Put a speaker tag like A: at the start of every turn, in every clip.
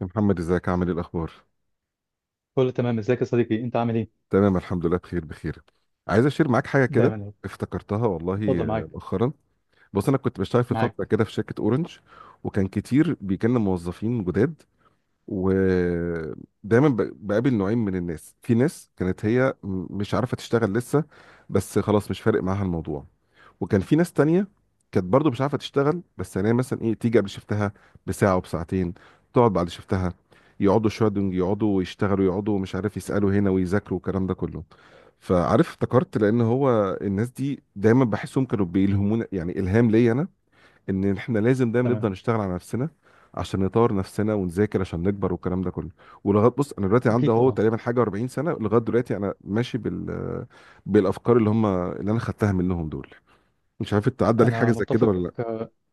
A: يا محمد، ازيك؟ عامل ايه؟ الاخبار؟
B: كله تمام، ازيك يا صديقي؟ انت عامل ايه؟
A: تمام، الحمد لله، بخير بخير. عايز اشير معاك حاجه كده،
B: دايما يا رب.
A: افتكرتها والله.
B: اتفضل معاك.
A: مؤخرا، بص، انا كنت بشتغل في فتره
B: معاك.
A: كده في شركه اورنج، وكان كتير بيجيلنا موظفين جداد. ودايما بقابل نوعين من الناس: في ناس كانت هي مش عارفه تشتغل لسه، بس خلاص مش فارق معاها الموضوع. وكان في ناس تانية كانت برضو مش عارفة تشتغل، بس مثلا ايه، تيجي قبل شفتها بساعة وبساعتين، تقعد بعد شفتها، يقعدوا شوية. دول يقعدوا ويشتغلوا، يقعدوا، مش عارف، يسألوا هنا ويذاكروا والكلام ده كله. فعارف، افتكرت، لان هو الناس دي دايما بحسهم كانوا بيلهمونا، الهام ليا انا، ان احنا لازم دايما
B: تمام،
A: نفضل نشتغل على نفسنا، عشان نطور نفسنا ونذاكر عشان نكبر والكلام ده كله. ولغايه، بص، انا دلوقتي عندي
B: اكيد
A: اهو
B: طبعا.
A: تقريبا حاجه 40 سنه، لغايه دلوقتي انا ماشي بالافكار اللي هم اللي انا خدتها منهم دول. مش عارف انت عدى عليك حاجه
B: انا
A: زي كده
B: متفق.
A: ولا لا؟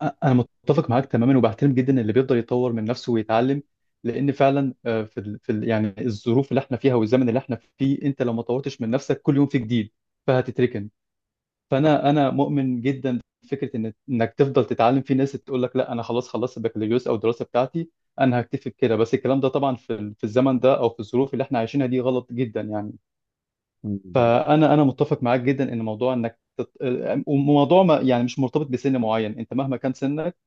B: انا متفق معاك تماما، وبحترم جدا اللي بيقدر يطور من نفسه ويتعلم. لان فعلا يعني الظروف اللي احنا فيها والزمن اللي احنا فيه، انت لو ما طورتش من نفسك كل يوم في جديد فهتتركن. فانا مؤمن جدا بفكره ان انك تفضل تتعلم. في ناس تقول لك لا، انا خلاص خلصت البكالوريوس او الدراسه بتاعتي، انا هكتفي بكده. بس الكلام ده طبعا في في الزمن ده، او في الظروف اللي احنا عايشينها دي، غلط جدا يعني.
A: بالظبط.
B: فانا متفق معاك جدا ان موضوع وموضوع ما يعني مش مرتبط بسن معين، انت مهما كان سنك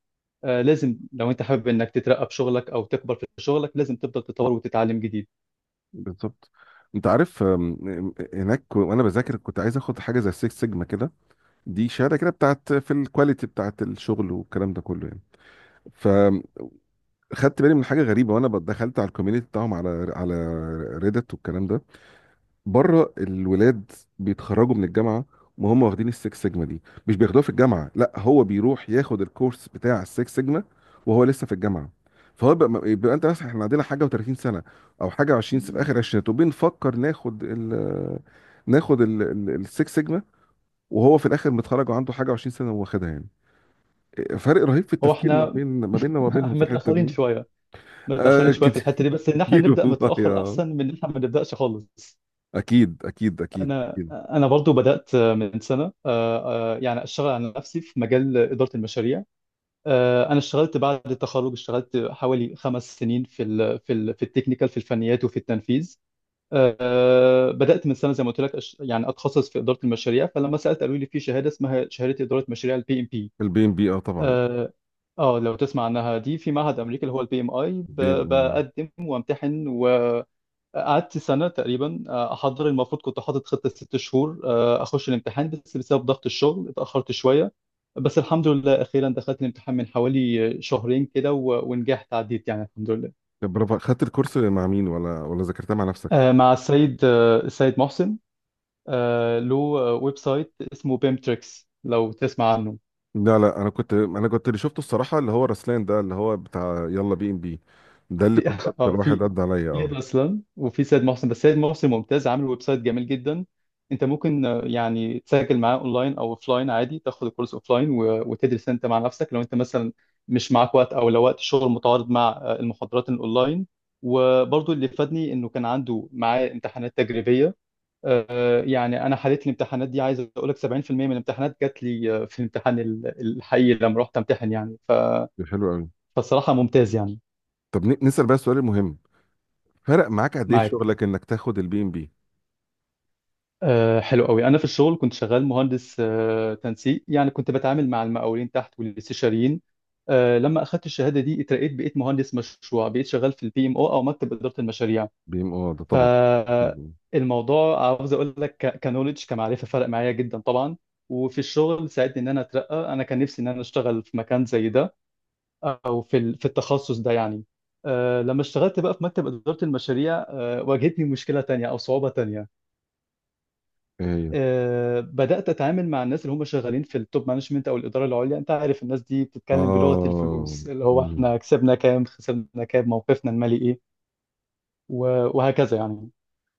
B: لازم. لو انت حابب انك تترقى في شغلك او تكبر في شغلك، لازم تفضل تتطور وتتعلم جديد.
A: بالظبط. انت عارف، هناك وانا بذاكر كنت عايز اخد حاجه زي 6 سيجما كده. دي شهاده كده بتاعت في الكواليتي بتاعت الشغل والكلام ده كله يعني. فخدت بالي من حاجه غريبه وانا دخلت على الكوميونتي بتاعهم، على ريدت والكلام ده. بره، الولاد بيتخرجوا من الجامعه وهم واخدين السكس سيجما دي. مش بياخدوها في الجامعه، لا، هو بيروح ياخد الكورس بتاع السكس سيجما وهو لسه في الجامعه. فهو بقى، يبقى انت مثلا، احنا عندنا حاجه و30 سنه، او حاجه و20 في اخر عشرينات، وبنفكر ناخد ناخد السكس سيجما، وهو في الاخر متخرج وعنده حاجه و20 سنه واخدها يعني. فرق رهيب في
B: هو
A: التفكير ما
B: احنا
A: بين، ما بيننا وما بينهم، في الحته
B: متاخرين
A: دي.
B: شويه، متاخرين
A: آه
B: شويه في
A: كتير
B: الحته دي، بس ان احنا
A: كتير
B: نبدا
A: والله
B: متاخر
A: يا.
B: احسن من ان احنا ما نبداش خالص.
A: اكيد اكيد اكيد
B: انا
A: اكيد.
B: انا برضو بدات من سنه، يعني اشتغل على نفسي في مجال اداره المشاريع. انا اشتغلت بعد التخرج، اشتغلت حوالي 5 سنين في التكنيكال، في الفنيات وفي التنفيذ. بدات من سنه زي ما قلت لك، يعني اتخصص في اداره المشاريع. فلما سالت قالوا لي في شهاده اسمها شهاده اداره مشاريع البي ام بي.
A: البي ام بي، اه طبعا.
B: اه. لو تسمع عنها، دي في معهد امريكا اللي هو البي ام اي،
A: بي-
B: بقدم وامتحن. قعدت سنة تقريبا أحضر. المفروض كنت حاطط خطة 6 شهور أخش الامتحان، بس بسبب ضغط الشغل اتأخرت شوية. بس الحمد لله، أخيرا دخلت الامتحان من حوالي شهرين كده ونجحت، عديت يعني الحمد لله.
A: طب برافو، خدت الكورس مع مين ولا ذاكرتها مع نفسك؟
B: مع السيد، السيد محسن. له ويب سايت اسمه بيمتريكس، لو تسمع عنه.
A: لا لا، انا كنت اللي شفته الصراحه اللي هو رسلان ده، اللي هو بتاع يلا بي ام بي. ده اللي
B: في
A: كنت اكتر
B: اه،
A: واحد
B: في
A: عدى عليا،
B: في
A: اه.
B: رسلان وفي سيد محسن، بس سيد محسن ممتاز، عامل ويب سايت جميل جدا. انت ممكن يعني تسجل معاه اونلاين او اوفلاين عادي، تاخد الكورس اوفلاين وتدرس انت مع نفسك، لو انت مثلا مش معاك وقت، او لو وقت الشغل متعارض مع المحاضرات الاونلاين. وبرضو اللي فادني انه كان عنده معاه امتحانات تجريبيه. يعني انا حليت الامتحانات دي، عايز اقول لك 70% من الامتحانات جات لي في الامتحان الحقيقي لما رحت امتحن. يعني
A: ده حلو قوي.
B: فالصراحه ممتاز يعني.
A: طب نسال بقى السؤال المهم: فرق معاك قد ايه في
B: معاك.
A: شغلك انك تاخد البي ام بي؟
B: أه، حلو قوي. انا في الشغل كنت شغال مهندس تنسيق، يعني كنت بتعامل مع المقاولين تحت والاستشاريين. لما اخدت الشهاده دي اترقيت، بقيت مهندس مشروع، بقيت شغال في البي ام او، او مكتب اداره المشاريع.
A: بي ام، اه ده طبعا. جداً.
B: فالموضوع عاوز اقول لك كنولج، كمعرفه فرق معايا جدا طبعا. وفي الشغل ساعدني ان انا اترقى، انا كان نفسي ان انا اشتغل في مكان زي ده، او في في التخصص ده يعني. لما اشتغلت بقى في مكتب اداره المشاريع، واجهتني مشكله تانية او صعوبه تانية.
A: ايه هي؟
B: بدأت أتعامل مع الناس اللي هم شغالين في التوب مانجمنت أو الإدارة العليا. أنت عارف الناس دي بتتكلم بلغة
A: اه.
B: الفلوس، اللي هو
A: مم.
B: إحنا كسبنا كام، خسرنا كام، موقفنا المالي إيه، وهكذا يعني.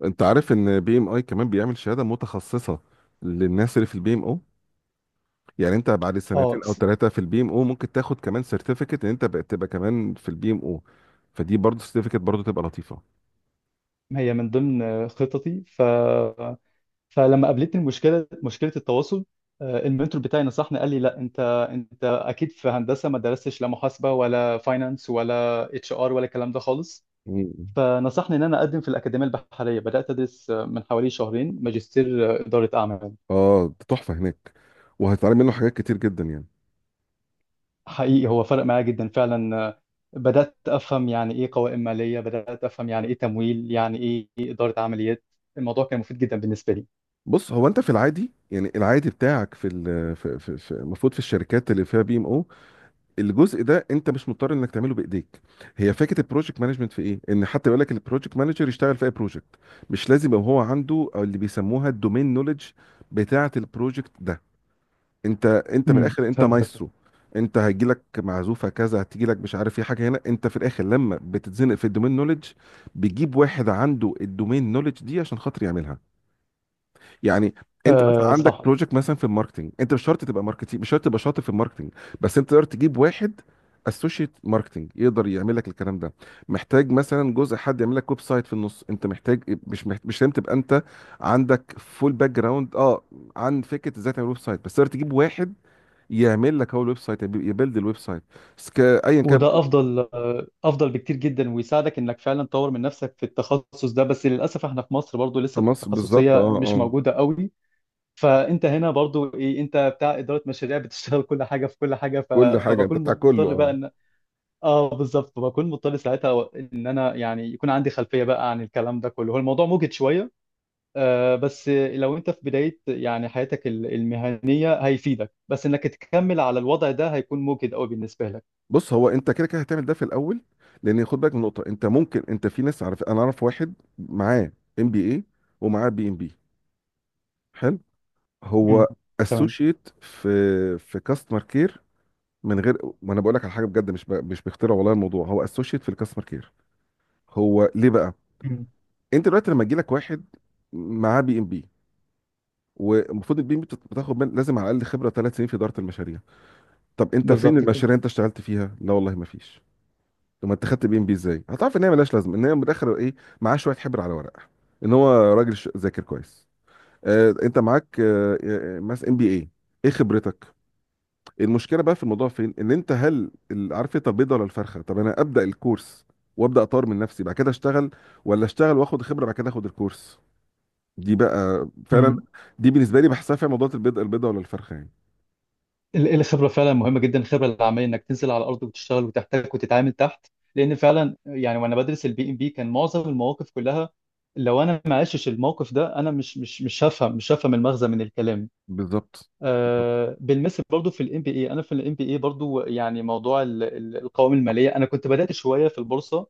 A: انت عارف ان بي ام اي كمان بيعمل شهاده متخصصه للناس اللي في البي ام او؟ يعني انت بعد
B: أه
A: سنتين او
B: س-
A: ثلاثه في البي ام او ممكن تاخد كمان سيرتيفيكت ان انت بقت تبقى كمان في البي ام او. فدي برضه سيرتيفيكت برضه تبقى لطيفه.
B: هي من ضمن خططي. فلما قابلتني المشكلة، مشكلة التواصل، المنتور بتاعي نصحني، قال لي لا، انت اكيد في هندسه ما درستش لا محاسبه ولا فاينانس ولا اتش ار ولا الكلام ده خالص.
A: مم.
B: فنصحني ان انا اقدم في الاكاديميه البحريه، بدات ادرس من حوالي شهرين ماجستير اداره اعمال.
A: اه ده تحفه هناك، وهتتعلم منه حاجات كتير جدا يعني.
B: حقيقي هو فرق معايا جدا فعلا. بدات افهم يعني ايه قوائم ماليه، بدات افهم يعني ايه تمويل، يعني ايه اداره عمليات. الموضوع كان مفيد جدا بالنسبه لي.
A: بص، هو انت في العادي، يعني العادي بتاعك، في ال- في في في- المفروض في الشركات اللي فيها بي ام او، الجزء ده انت مش مضطر انك تعمله بايديك. هي فكره البروجكت مانجمنت في ايه، ان حتى يقول لك البروجكت مانجر يشتغل في اي بروجكت، مش لازم يبقى هو عنده أو اللي بيسموها الدومين نوليدج بتاعه البروجكت ده. انت من الاخر انت
B: فهمتك.
A: مايسترو. انت هيجيلك معزوفه كذا، هتجيلك، مش عارف ايه، حاجه هنا. انت في الاخر لما بتتزنق في الدومين نولج، بيجيب واحد عنده الدومين نولج دي عشان خاطر يعملها يعني. انت مثلا
B: آه
A: عندك
B: صح.
A: بروجكت مثلا في الماركتنج، انت مش شرط تبقى ماركتينج، مش شرط تبقى شاطر في الماركتنج، بس انت تقدر تجيب واحد اسوشيت ماركتنج يقدر يعمل لك الكلام ده. محتاج مثلا جزء، حد يعمل لك ويب سايت في النص. انت محتاج، مش محتاج، مش لازم تبقى انت عندك فول باك جراوند، اه، عن فكره ازاي تعمل ويب سايت، بس تقدر تجيب واحد يعمل لك هو الويب سايت، يبيلد الويب سايت. بس ايا كان.
B: وده افضل، افضل بكتير جدا، ويساعدك انك فعلا تطور من نفسك في التخصص ده. بس للاسف احنا في مصر برضو
A: في
B: لسه
A: مصر، بالظبط،
B: التخصصيه
A: اه
B: مش
A: اه.
B: موجوده قوي. فانت هنا برضو ايه، انت بتاع اداره مشاريع بتشتغل كل حاجه في كل حاجه.
A: كل حاجه، انت
B: فبكون
A: بتاع كله،
B: مضطر بقى
A: اه.
B: ان، اه بالظبط، فبكون مضطر ساعتها ان انا يعني يكون عندي خلفيه بقى عن الكلام ده كله. هو الموضوع موجد شويه. بس لو انت في بدايه يعني حياتك المهنيه هيفيدك، بس انك تكمل على الوضع ده هيكون موجد قوي بالنسبه لك.
A: بص، هو انت كده كده هتعمل ده في الاول. لان خد بالك من نقطه، انت ممكن، انت في ناس، عارف، انا اعرف واحد معاه ام بي اي ومعاه بي ام بي، حلو، هو
B: مم. تمام.
A: اسوشيت في كاستمر كير. من غير ما انا بقول لك على حاجه بجد، مش مش بخترع والله، الموضوع هو اسوشيت في الكاستمر كير. هو ليه بقى؟
B: مم.
A: انت دلوقتي لما يجي لك واحد معاه بي ام بي، والمفروض البي ام بتاخد من لازم على الاقل خبره 3 سنين في اداره المشاريع. طب انت فين
B: بالظبط.
A: المشاريع اللي انت اشتغلت فيها؟ لا والله ما فيش. طب ما انت خدت بي ام بي ازاي؟ هتعرف ان هي ملهاش لازمه، ان هي من الاخر ايه؟ معاه شويه حبر على ورقه، ان هو راجل ذاكر كويس. آه، انت معاك، مثلا ام بي اي، ايه خبرتك؟ المشكله بقى في الموضوع فين؟ ان انت، عارف انت البيضه ولا الفرخه؟ طب انا ابدا الكورس وابدا اطور من نفسي بعد كده اشتغل، ولا اشتغل واخد خبره بعد كده اخد الكورس؟ دي بقى فعلا،
B: كده.
A: دي بالنسبه لي بحسها فيها موضوع البيضه البيضه ولا الفرخه يعني.
B: الخبرة فعلا مهمة جدا. الخبرة العملية انك تنزل على الارض وتشتغل وتحتك وتتعامل تحت، لان فعلا يعني وانا بدرس البي ام بي كان معظم المواقف كلها لو انا ما عشتش الموقف ده انا مش هفهم المغزى من الكلام.
A: بالظبط. بالظبط.
B: بالمثل برضو في الام بي اي، انا في الام بي اي برضو، يعني موضوع القوائم المالية. انا كنت بدأت شوية في البورصة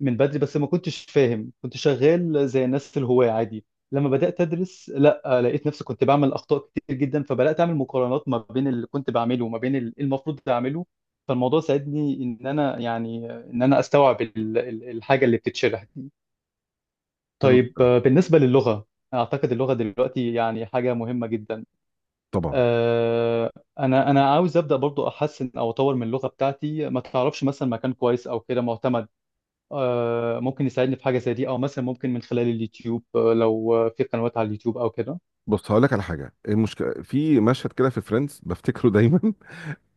B: من بدري، بس ما كنتش فاهم، كنت شغال زي الناس الهواة عادي. لما بدأت أدرس، لا، لقيت نفسي كنت بعمل أخطاء كتير جدا، فبدأت أعمل مقارنات ما بين اللي كنت بعمله وما بين اللي المفروض أعمله. فالموضوع ساعدني إن أنا يعني إن أنا أستوعب الحاجة اللي بتتشرح دي.
A: حلو
B: طيب،
A: جدا.
B: بالنسبة للغة، أعتقد اللغة دلوقتي يعني حاجة مهمة جدا.
A: طبعا.
B: آه، أنا عاوز أبدأ برضو، أحسن أو أطور من اللغة بتاعتي. ما تعرفش مثلا مكان كويس أو كده معتمد ممكن يساعدني في حاجة زي دي؟ أو مثلا ممكن من خلال اليوتيوب، لو في قنوات على اليوتيوب أو كده.
A: بص، هقول لك على حاجه. المشكله في مشهد كده في فريندز بفتكره دايما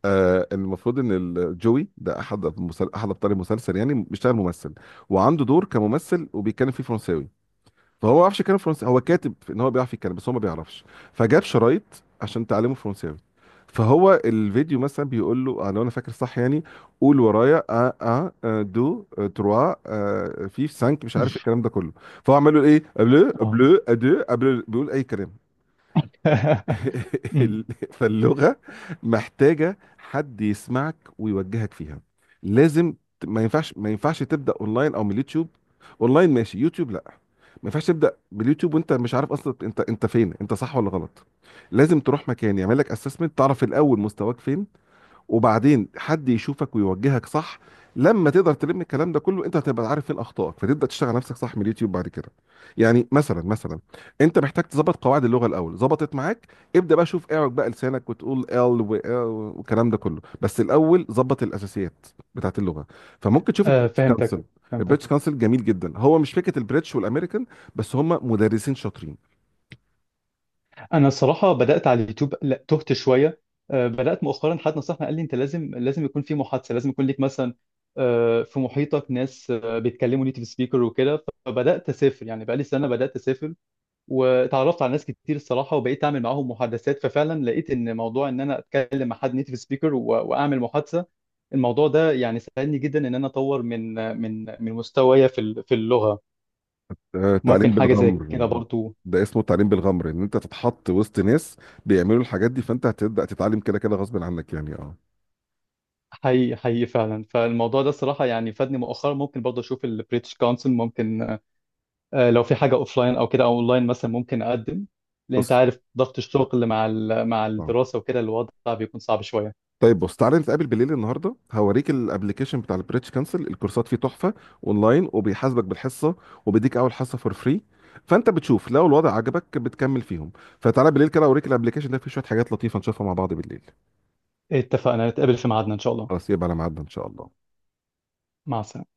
A: آه، المفروض ان جوي ده، احد احد ابطال المسلسل يعني، بيشتغل ممثل وعنده دور كممثل وبيتكلم فيه فرنساوي. فهو ما بيعرفش يتكلم فرنسي، هو كاتب ان هو بيعرف يتكلم بس هو ما بيعرفش. فجاب شرايط عشان تعلمه فرنساوي. فهو الفيديو مثلا بيقول له، لو انا فاكر صح يعني: قول ورايا ا، ا دو، تروا، في سانك، مش عارف الكلام ده كله. فهو عمال يقول ايه، بلو
B: اه.
A: بلو ادو بلو، بيقول اي كلام
B: أمم،
A: ال- فاللغه محتاجه حد يسمعك ويوجهك فيها، لازم. ما ينفعش تبدا اونلاين او من اليوتيوب. اونلاين ماشي، يوتيوب لا. ما ينفعش تبدا باليوتيوب وانت مش عارف اصلا انت، انت فين، انت صح ولا غلط. لازم تروح مكان يعمل لك اسسمنت، تعرف الاول مستواك فين، وبعدين حد يشوفك ويوجهك صح. لما تقدر تلم الكلام ده كله، انت هتبقى عارف فين اخطائك، فتبدا تشتغل نفسك صح من اليوتيوب بعد كده. يعني مثلا، انت محتاج تظبط قواعد اللغه الاول. ظبطت معاك، ابدا بقى شوف، اعرج بقى لسانك وتقول ال و آه والكلام ده كله، بس الاول ظبط الاساسيات بتاعت اللغه. فممكن تشوف البريتش
B: فهمتك،
A: كونسل.
B: فهمتك.
A: البريتش كونسل جميل جدا، هو مش فكره البريتش والامريكان، بس هم مدرسين شاطرين.
B: انا الصراحه بدات على اليوتيوب، لا، تهت شويه. بدات مؤخرا. حد نصحني قال لي انت لازم، لازم يكون في محادثه، لازم يكون ليك مثلا في محيطك ناس بيتكلموا نيتيف سبيكر وكده. فبدات اسافر، يعني بقالي سنه بدات اسافر، واتعرفت على ناس كتير الصراحه، وبقيت اعمل معاهم محادثات. ففعلا لقيت ان موضوع ان انا اتكلم مع حد نيتيف سبيكر واعمل محادثه، الموضوع ده يعني ساعدني جدا ان انا اطور من مستوايا في في اللغه.
A: تعليم
B: ممكن حاجه زي
A: بالغمر.
B: كده برضو.
A: ده اسمه تعليم بالغمر، ان انت تتحط وسط ناس بيعملوا الحاجات دي، فانت هتبدا تتعلم كده كده غصب عنك يعني، اه.
B: حقيقي حقيقي فعلا، فالموضوع ده الصراحه يعني فادني مؤخرا. ممكن برضه اشوف البريتش كونسل. ممكن لو في حاجه اوفلاين او كده، او اونلاين مثلا ممكن اقدم، لان انت
A: بص،
B: عارف ضغط الشغل مع
A: اه،
B: الدراسه وكده، الوضع بيكون صعب شويه.
A: طيب، بص، تعالى نتقابل بالليل النهارده، هوريك الابلكيشن بتاع البريتش كانسل. الكورسات فيه تحفه، اونلاين، وبيحاسبك بالحصه، وبيديك اول حصه فور فري، فانت بتشوف لو الوضع عجبك بتكمل فيهم. فتعالى بالليل كده اوريك الابلكيشن ده، فيه شويه حاجات لطيفه نشوفها مع بعض بالليل.
B: اتفقنا، نتقابل في ميعادنا ان شاء الله.
A: خلاص، يبقى على ميعادنا ان شاء الله.
B: مع السلامه.